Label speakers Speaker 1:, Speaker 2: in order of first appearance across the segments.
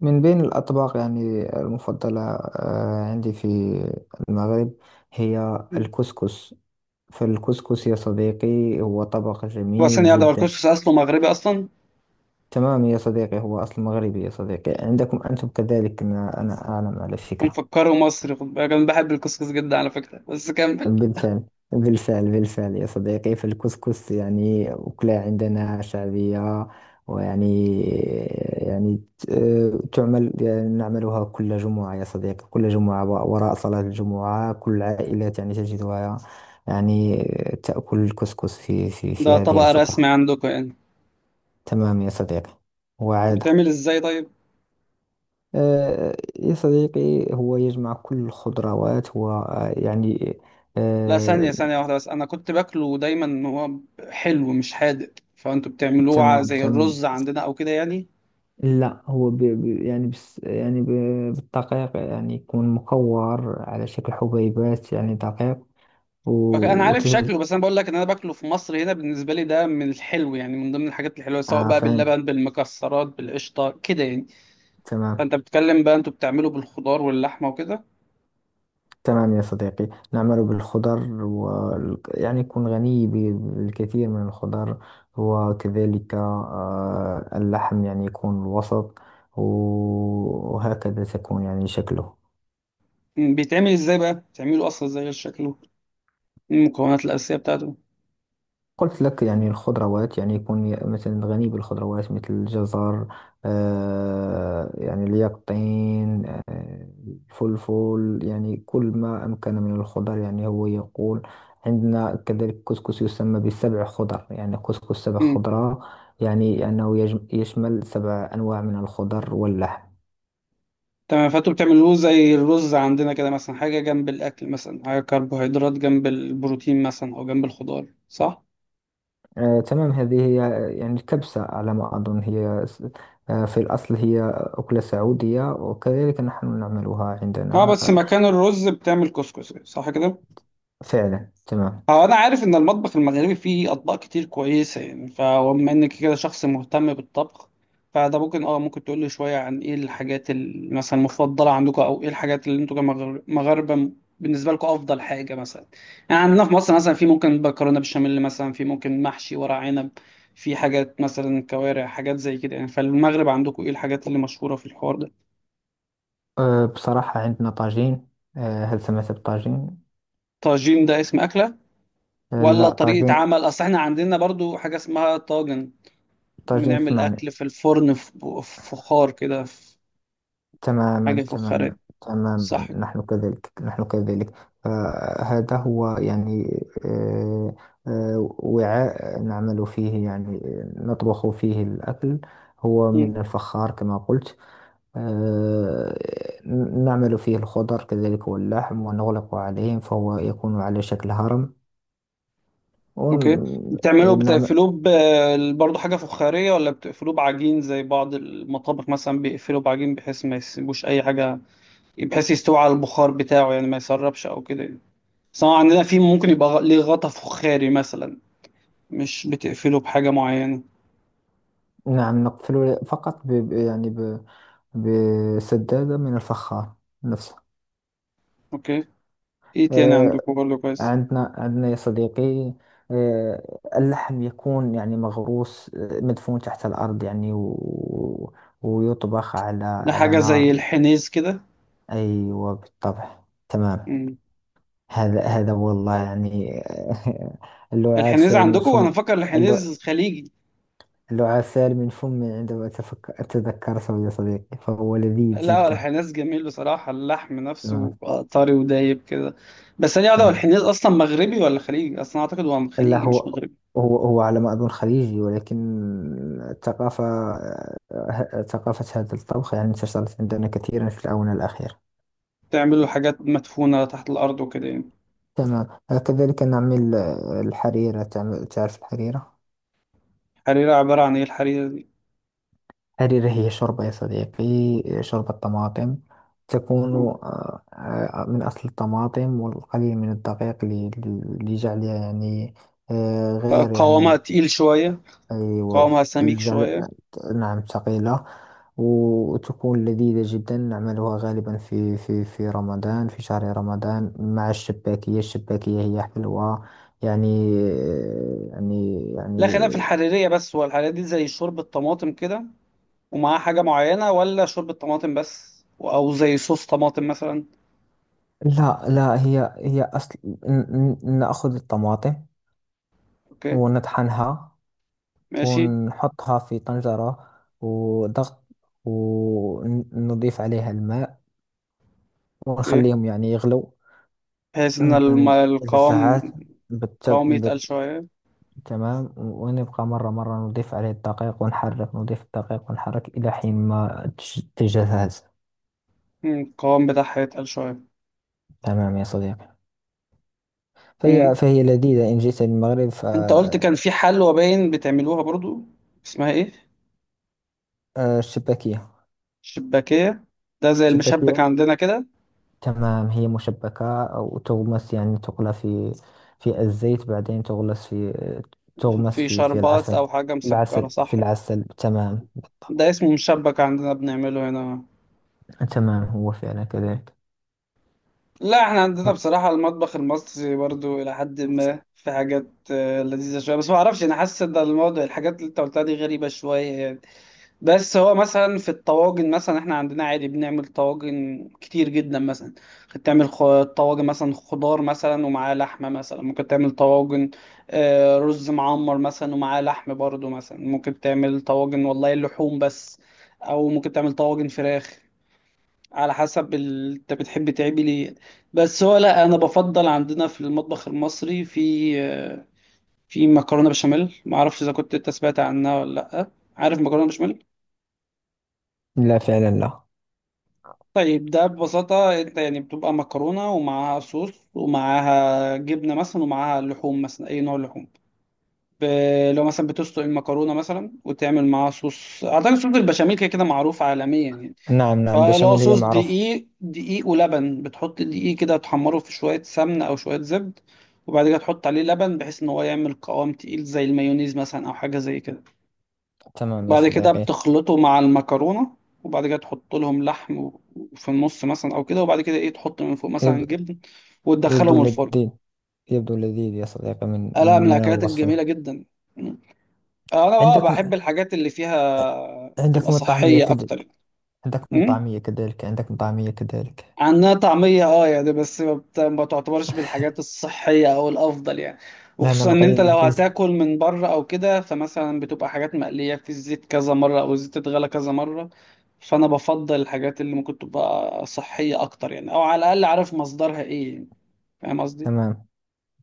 Speaker 1: من بين الأطباق المفضلة عندي في المغرب هي الكسكس. فالكسكس يا صديقي هو طبق
Speaker 2: وبعدين
Speaker 1: جميل
Speaker 2: يا ده
Speaker 1: جدا.
Speaker 2: الكسكس اصله مغربي اصلا،
Speaker 1: تمام يا صديقي، هو أصل مغربي يا صديقي، عندكم أنتم كذلك ما أنا أعلم على فكرة.
Speaker 2: مفكره مصري؟ خد بالك انا بحب الكسكس جدا على فكره، بس كمل.
Speaker 1: بالفعل. بالفعل يا صديقي، فالكسكس أكلة عندنا شعبية ويعني يعني ت- تعمل، نعملها كل جمعة يا صديقي، كل جمعة وراء صلاة الجمعة كل العائلات تجدها يعني تأكل الكسكس في في
Speaker 2: ده
Speaker 1: في هذه
Speaker 2: طبق رسمي
Speaker 1: الفترة.
Speaker 2: عندكم يعني؟
Speaker 1: تمام يا صديقي. وعادة
Speaker 2: بتعمل ازاي طيب؟
Speaker 1: يا صديقي هو يجمع كل الخضروات
Speaker 2: لا، ثانيه واحده بس، انا كنت باكله دايما ان هو حلو مش حادق. فانتوا بتعملوه
Speaker 1: تمام،
Speaker 2: زي
Speaker 1: تمام.
Speaker 2: الرز عندنا او كده يعني؟
Speaker 1: لا، هو ب... ب... يعني بس يعني ب... بالدقيق، يكون مكور على شكل حبيبات، دقيق و...
Speaker 2: اوكي، انا عارف
Speaker 1: وتت...
Speaker 2: شكله، بس انا بقول لك ان انا باكله في مصر. هنا بالنسبه لي ده من الحلو يعني، من ضمن الحاجات الحلوه، سواء
Speaker 1: آه
Speaker 2: بقى
Speaker 1: فهمت.
Speaker 2: باللبن بالمكسرات بالقشطه كده يعني.
Speaker 1: تمام.
Speaker 2: فانت بتتكلم بقى انتوا بتعمله بالخضار واللحمه وكده.
Speaker 1: تمام، يا صديقي نعمل بالخضر و... يعني يكون غني بالكثير من الخضر، وكذلك آه اللحم يكون وسط. وهكذا تكون شكله.
Speaker 2: مم. بيتعمل ازاي بقى؟ بتعمله اصلا ازاي غير شكله، المكونات الاساسيه بتاعته؟
Speaker 1: قلت لك، الخضروات، يكون مثلا غني بالخضروات مثل الجزر، آه اليقطين، آه الفلفل، كل ما أمكن من الخضر، هو يقول. عندنا كذلك كسكس يسمى بسبع خضر، كسكس سبع
Speaker 2: مم.
Speaker 1: خضرة، أنه يشمل سبع أنواع من الخضر واللحم.
Speaker 2: تمام، فانتوا بتعملوه زي الرز عندنا كده مثلا، حاجه جنب الاكل، مثلا حاجه كربوهيدرات جنب البروتين، مثلا او جنب الخضار، صح؟
Speaker 1: آه تمام، هذه هي. الكبسة على ما أظن هي في الأصل هي أكلة سعودية، وكذلك نحن نعملها
Speaker 2: اه
Speaker 1: عندنا.
Speaker 2: بس
Speaker 1: آه،
Speaker 2: مكان الرز بتعمل كسكسي، صح كده؟
Speaker 1: فعلا. تمام.
Speaker 2: هو انا عارف ان المطبخ المغربي فيه اطباق كتير كويسه يعني، فبما انك كده شخص مهتم بالطبخ، فده ممكن ممكن تقول لي شويه عن ايه الحاجات مثلا المفضله عندكم، او ايه الحاجات اللي انتوا مغاربه بالنسبه لكم افضل حاجه مثلا. يعني عندنا في مصر مثلا، في ممكن مكرونه بشاميل مثلا، في ممكن محشي ورق عنب، في حاجات مثلا كوارع، حاجات زي كده يعني. فالمغرب عندكم ايه الحاجات اللي مشهوره في الحوار ده؟
Speaker 1: أه بصراحة عندنا طاجين. أه هل سمعت بالطاجين؟
Speaker 2: طاجين ده اسم اكله
Speaker 1: أه
Speaker 2: ولا
Speaker 1: لا
Speaker 2: طريقه
Speaker 1: طاجين.
Speaker 2: عمل؟ اصل احنا عندنا برضو حاجه اسمها طاجن،
Speaker 1: طاجين
Speaker 2: بنعمل
Speaker 1: سمعنا.
Speaker 2: أكل في الفرن، في في فخار كده، في حاجة
Speaker 1: تماما تماما
Speaker 2: فخارية، صح؟
Speaker 1: تماما نحن كذلك، نحن كذلك. أه هذا هو، أه. أه، وعاء نعمل فيه، نطبخ فيه الأكل. هو
Speaker 2: مم.
Speaker 1: من الفخار كما قلت. أه، نعمل فيه الخضر كذلك واللحم، ونغلق عليهم، فهو يكون على شكل هرم.
Speaker 2: أوكي، بتعملوه
Speaker 1: ونعمل.
Speaker 2: بتقفلوه برضه حاجة فخارية، ولا بتقفلوه بعجين زي بعض المطابخ مثلا بيقفلوا بعجين، بحيث ما يسيبوش أي حاجة، بحيث يستوي على البخار بتاعه يعني، ما يسربش أو كده يعني. سواء عندنا، في ممكن يبقى ليه غطا فخاري مثلا، مش بتقفله بحاجة معينة؟
Speaker 1: نعم، نقفل فقط بسدادة من الفخار نفسه.
Speaker 2: أوكي. إيه تاني
Speaker 1: آه،
Speaker 2: عندكم برضه كويس؟
Speaker 1: عندنا يا صديقي، آه، اللحم يكون مغروس، آه، مدفون تحت الأرض، ويطبخ على
Speaker 2: ده
Speaker 1: على
Speaker 2: حاجة زي
Speaker 1: نار.
Speaker 2: الحنيز كده؟
Speaker 1: أيوة بالطبع. تمام.
Speaker 2: مم.
Speaker 1: هذا، والله اللعاب
Speaker 2: الحنيز
Speaker 1: سال من
Speaker 2: عندكم،
Speaker 1: فم.
Speaker 2: انا فاكر
Speaker 1: اللع-
Speaker 2: الحنيز خليجي.
Speaker 1: اللعاب سال من فمي عندما أتفكر أتذكرته يا صديقي، فهو لذيذ
Speaker 2: لا،
Speaker 1: جدا.
Speaker 2: الحناس جميل بصراحة، اللحم نفسه
Speaker 1: تمام
Speaker 2: طري ودايب كده. بس أنا أعرف
Speaker 1: تمام.
Speaker 2: الحناس أصلا مغربي ولا خليجي أصلا؟ أعتقد هو
Speaker 1: لا،
Speaker 2: خليجي
Speaker 1: هو
Speaker 2: مش مغربي.
Speaker 1: هو هو على ما أظن خليجي، ولكن الثقافة، آه، ثقافة هذا الطبخ انتشرت عندنا كثيرا في الآونة الأخيرة.
Speaker 2: بتعملوا حاجات مدفونة تحت الأرض وكده يعني؟
Speaker 1: تمام. آه، كذلك نعمل آه، الحريرة. تعرف الحريرة؟
Speaker 2: الحريرة عبارة عن إيه الحريرة دي؟
Speaker 1: الحريرة هي شوربة يا صديقي، شوربة طماطم. تكون من أصل الطماطم والقليل من الدقيق لجعلها يعني آه، غير
Speaker 2: قوامها
Speaker 1: يعني
Speaker 2: تقيل شوية؟
Speaker 1: أيوة
Speaker 2: قوامها سميك شوية؟
Speaker 1: نعم ثقيلة. وتكون لذيذة جدا، نعملها غالبا في رمضان، في شهر رمضان، مع الشباكية. الشباكية هي حلوة يعني يعني
Speaker 2: لا خلاف في
Speaker 1: يعني
Speaker 2: الحريرية، بس هو الحريرية دي زي شوربة طماطم كده، ومعاها حاجة معينة، ولا شوربة طماطم بس، أو زي صوص طماطم مثلا؟
Speaker 1: لا لا، هي هي أصل، نأخذ الطماطم
Speaker 2: أوكي.
Speaker 1: ونطحنها،
Speaker 2: ماشي.
Speaker 1: ونحطها في طنجرة وضغط، ونضيف عليها الماء،
Speaker 2: أوكي.
Speaker 1: ونخليهم يغلو.
Speaker 2: بحيث إن
Speaker 1: أمم، إذا
Speaker 2: القوام،
Speaker 1: ساعات بتب...
Speaker 2: قوام يتقل
Speaker 1: بت...
Speaker 2: شوية.
Speaker 1: تمام. ونبقى مرة مرة نضيف عليه الدقيق ونحرك، نضيف الدقيق ونحرك إلى حين ما تجهز.
Speaker 2: مم، القوام بتاعها يتقل شوية.
Speaker 1: تمام يا صديقي. فهي،
Speaker 2: مم.
Speaker 1: لذيذة إن جئت للمغرب.
Speaker 2: انت قلت كان في حلوى باين بتعملوها برضو، اسمها ايه؟
Speaker 1: فالشباكية.
Speaker 2: شباكية. ده زي المشبك
Speaker 1: شباكية.
Speaker 2: عندنا كده.
Speaker 1: تمام، هي مشبكة، وتغمس تقلى في في الزيت، بعدين تغلس في تغمس
Speaker 2: في
Speaker 1: في في
Speaker 2: شربات
Speaker 1: العسل.
Speaker 2: او حاجة
Speaker 1: العسل،
Speaker 2: مسكرة،
Speaker 1: في
Speaker 2: صح؟
Speaker 1: العسل، تمام
Speaker 2: ده
Speaker 1: بالطبع.
Speaker 2: اسمه مشبك عندنا، بنعمله هنا.
Speaker 1: تمام هو فعلا كذلك.
Speaker 2: لا، احنا عندنا بصراحة المطبخ المصري برضو الى حد ما في حاجات لذيذة شوية، بس ما اعرفش، انا حاسس ان الموضوع الحاجات اللي انت قلتها دي غريبة شوية يعني. بس هو مثلا في الطواجن مثلا، احنا عندنا عادي بنعمل طواجن كتير جدا مثلا. ممكن تعمل طواجن مثلا خضار مثلا ومعاه لحمة، مثلا ممكن تعمل طواجن رز معمر مثلا ومعاه لحم برضو، مثلا ممكن تعمل طواجن والله لحوم بس، او ممكن تعمل طواجن فراخ، على حسب انت بتحب تعمل ايه. بس هو لا، انا بفضل عندنا في المطبخ المصري في في مكرونة بشاميل، معرفش اذا كنت انت سمعت عنها ولا لا. عارف مكرونة بشاميل؟
Speaker 1: لا فعلا لا.
Speaker 2: طيب ده ببساطة، انت يعني بتبقى مكرونة ومعاها صوص ومعاها جبنة مثلا ومعاها لحوم مثلا، اي نوع لحوم. ب... لو مثلا بتسلق المكرونة مثلا، وتعمل معاها صوص، اعتقد صوص البشاميل كده كده معروف عالميا يعني.
Speaker 1: نعم نعم،
Speaker 2: فلو
Speaker 1: بشاميل هي
Speaker 2: صوص
Speaker 1: معروفة.
Speaker 2: دقيق، ولبن، بتحط الدقيق كده تحمره في شوية سمنة او شوية زبد، وبعد كده تحط عليه لبن بحيث ان هو يعمل قوام تقيل زي المايونيز مثلا، او حاجة زي كده.
Speaker 1: تمام يا
Speaker 2: وبعد كده
Speaker 1: صديقي.
Speaker 2: بتخلطه مع المكرونة. وبعد كده تحط لهم لحم و- وفي النص مثلا او كده، وبعد كده ايه تحط من فوق مثلا
Speaker 1: يبدو,
Speaker 2: جبن،
Speaker 1: يبدو
Speaker 2: وتدخلهم الفرن.
Speaker 1: لذيذ، يبدو لذيذ يا صديقي، من
Speaker 2: لا، من
Speaker 1: من من
Speaker 2: الاكلات
Speaker 1: الوصف له.
Speaker 2: الجميلة جدا. مم. انا
Speaker 1: عندكم،
Speaker 2: بحب الحاجات اللي فيها تبقى
Speaker 1: عندكم الطعمية
Speaker 2: صحية
Speaker 1: كذلك.
Speaker 2: اكتر يعني.
Speaker 1: عندكم
Speaker 2: مم.
Speaker 1: طعمية كذلك عندكم طعمية كذلك
Speaker 2: عنها طعمية يعني، بس ما ما تعتبرش بالحاجات الصحية او الافضل يعني. وخصوصا
Speaker 1: لأنها
Speaker 2: ان
Speaker 1: بقية
Speaker 2: انت لو
Speaker 1: بالفيس.
Speaker 2: هتاكل من بره او كده، فمثلا بتبقى حاجات مقلية في الزيت كذا مرة، او الزيت اتغلى كذا مرة. فانا بفضل الحاجات اللي ممكن تبقى صحية اكتر يعني، او على الاقل عارف مصدرها ايه يعني. فاهم قصدي؟
Speaker 1: تمام.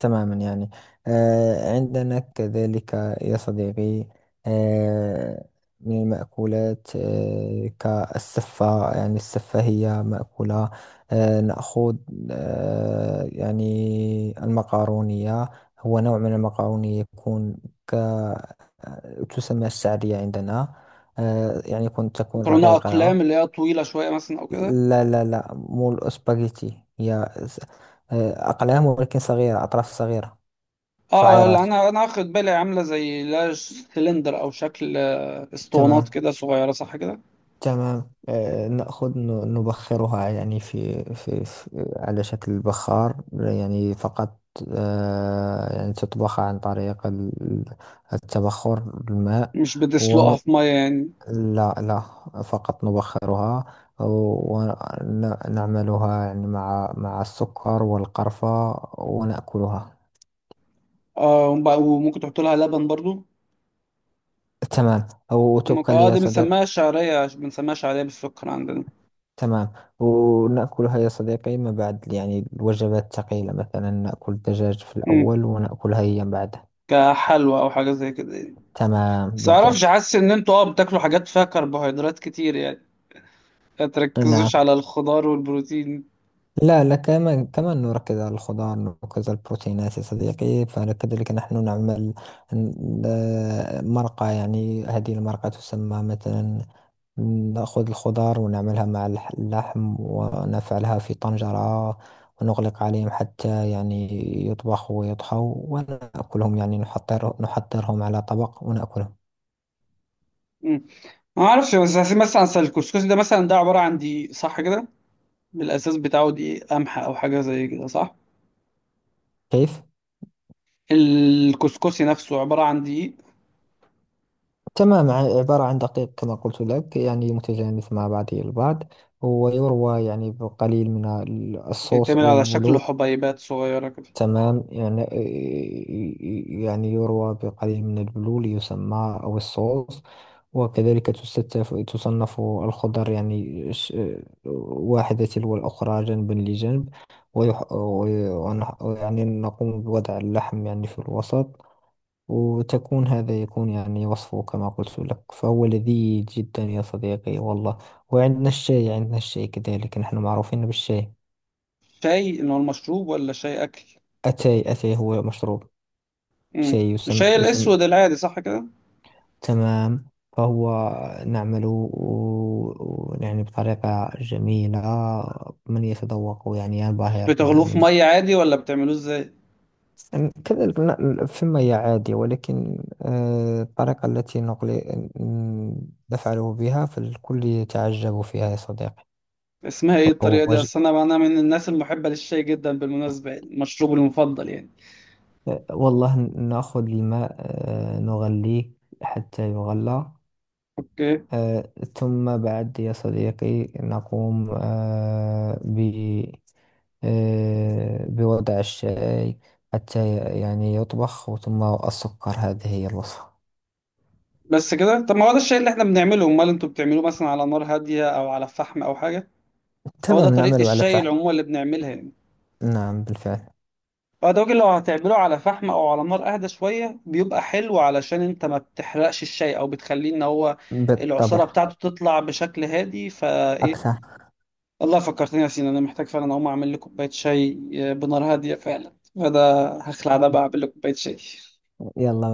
Speaker 1: تماما، آه، عندنا كذلك يا صديقي آه، من المأكولات آه، كالسفة. السفة هي مأكولة، آه، نأخذ آه، المقارونية. هو نوع من المقارونية، يكون ك آه، تسمى الشعرية عندنا، آه، يعني يكون تكون
Speaker 2: مكرونة اقلام
Speaker 1: رقيقة.
Speaker 2: اللي هي طويلة شوية مثلا او كده؟
Speaker 1: لا لا لا، مو الأسباجيتي، هي آه، أقلام ولكن صغيرة، أطراف صغيرة،
Speaker 2: لا،
Speaker 1: شعيرات.
Speaker 2: انا واخد بالي عاملة زي لا سلندر، او شكل اسطوانات
Speaker 1: تمام.
Speaker 2: كده صغيرة، صح كده؟
Speaker 1: تمام آه، نأخذ نبخرها يعني في, في, في على شكل بخار فقط، آه، تطبخ عن طريق التبخر، الماء
Speaker 2: مش بتسلقها
Speaker 1: ومن.
Speaker 2: في مية يعني؟
Speaker 1: لا لا، فقط نبخرها، ونعملها مع مع السكر والقرفة ونأكلها.
Speaker 2: اه، وممكن تحط لها لبن برضو.
Speaker 1: تمام
Speaker 2: ممكن.
Speaker 1: وتبقى لي
Speaker 2: اه
Speaker 1: يا
Speaker 2: دي
Speaker 1: صديقي.
Speaker 2: بنسميها شعرية، بنسميها شعرية بالسكر عندنا.
Speaker 1: تمام، ونأكلها يا صديقي ما بعد الوجبات الثقيلة، مثلا نأكل الدجاج في
Speaker 2: مم.
Speaker 1: الأول، ونأكلها هي بعدها.
Speaker 2: كحلوى او حاجة زي كده يعني.
Speaker 1: تمام
Speaker 2: بس معرفش،
Speaker 1: بالفعل.
Speaker 2: حاسس ان انتوا بتاكلوا حاجات فيها كربوهيدرات كتير يعني، ما
Speaker 1: نعم.
Speaker 2: تركزوش على الخضار والبروتين.
Speaker 1: لا لا، كمان كمان نركز على الخضار، نركز على البروتينات يا صديقي. فكذلك نحن نعمل مرقة، هذه المرقة تسمى مثلا. نأخذ الخضار ونعملها مع اللحم، ونفعلها في طنجرة ونغلق عليهم حتى يطبخوا ويطهوا ونأكلهم، نحضر، نحضرهم على طبق ونأكلهم.
Speaker 2: مم. ما اعرفش، بس حاسس مثلا أصل الكسكسي ده مثلا، ده عبارة عن دقيق صح كده، بالاساس بتاعه دقيق قمح او حاجة زي كده، صح؟
Speaker 1: كيف؟
Speaker 2: الكسكسي نفسه عبارة عن دقيق،
Speaker 1: تمام، عبارة عن دقيق كما قلت لك، متجانس مع بعضه البعض، ويروى بقليل من الصوص
Speaker 2: بيتعمل
Speaker 1: أو
Speaker 2: على شكل
Speaker 1: البلور.
Speaker 2: حبيبات صغيرة كده؟
Speaker 1: تمام يروى بقليل من البلول يسمى أو الصوص. وكذلك تستف، تصنف الخضر واحدة تلو الأخرى جنبا لجنب، ويح... وي- ونح... يعني نقوم بوضع اللحم في الوسط. وتكون هذا يكون وصفه كما قلت لك، فهو لذيذ جدا يا صديقي والله. وعندنا الشاي، عندنا الشاي كذلك، نحن معروفين بالشاي.
Speaker 2: شاي ان هو المشروب ولا شاي اكل؟
Speaker 1: أتاي، أتاي هو مشروب شاي
Speaker 2: مم. مش هي
Speaker 1: يسمى.
Speaker 2: الاسود العادي صح كده؟
Speaker 1: تمام. فهو نعمل بطريقة جميلة، من يتذوق
Speaker 2: مش
Speaker 1: ينبهر من
Speaker 2: بتغلوه في
Speaker 1: من.
Speaker 2: ميه عادي ولا بتعملوه ازاي؟
Speaker 1: كذلك ثم هي عادية، ولكن آه، الطريقة التي نقل نفعله بها، فالكل يتعجب فيها يا صديقي.
Speaker 2: اسمها ايه الطريقه
Speaker 1: فهو
Speaker 2: دي؟
Speaker 1: ج-
Speaker 2: اصل انا من الناس المحبه للشاي جدا بالمناسبه يعني، مشروبي المفضل يعني.
Speaker 1: آه، والله نأخذ الماء آه، نغليه حتى يغلى،
Speaker 2: اوكي.
Speaker 1: آه، ثم بعد يا صديقي نقوم آه، ب آه، بوضع الشاي حتى يطبخ، ثم السكر، هذه هي الوصفة.
Speaker 2: بس كده؟ طب ما هو ده الشاي اللي احنا بنعمله. امال انتوا بتعملوه مثلا على نار هاديه او على فحم او حاجه؟ هو ده
Speaker 1: تمام،
Speaker 2: طريقه
Speaker 1: نعمل على
Speaker 2: الشاي
Speaker 1: فحم.
Speaker 2: العموم اللي بنعملها يعني.
Speaker 1: نعم بالفعل.
Speaker 2: بعد وجه، لو هتعمله على فحم او على نار اهدى شويه بيبقى حلو، علشان انت ما بتحرقش الشاي، او بتخليه ان هو العصاره
Speaker 1: بالطبع
Speaker 2: بتاعته تطلع بشكل هادي فايه.
Speaker 1: أكثر.
Speaker 2: والله فكرتني يا سينا، انا محتاج فعلا اقوم اعمل لي كوبايه شاي، بنار هاديه فعلا. فده هخلع ده بقى، اعمل لي كوبايه شاي.
Speaker 1: يلا.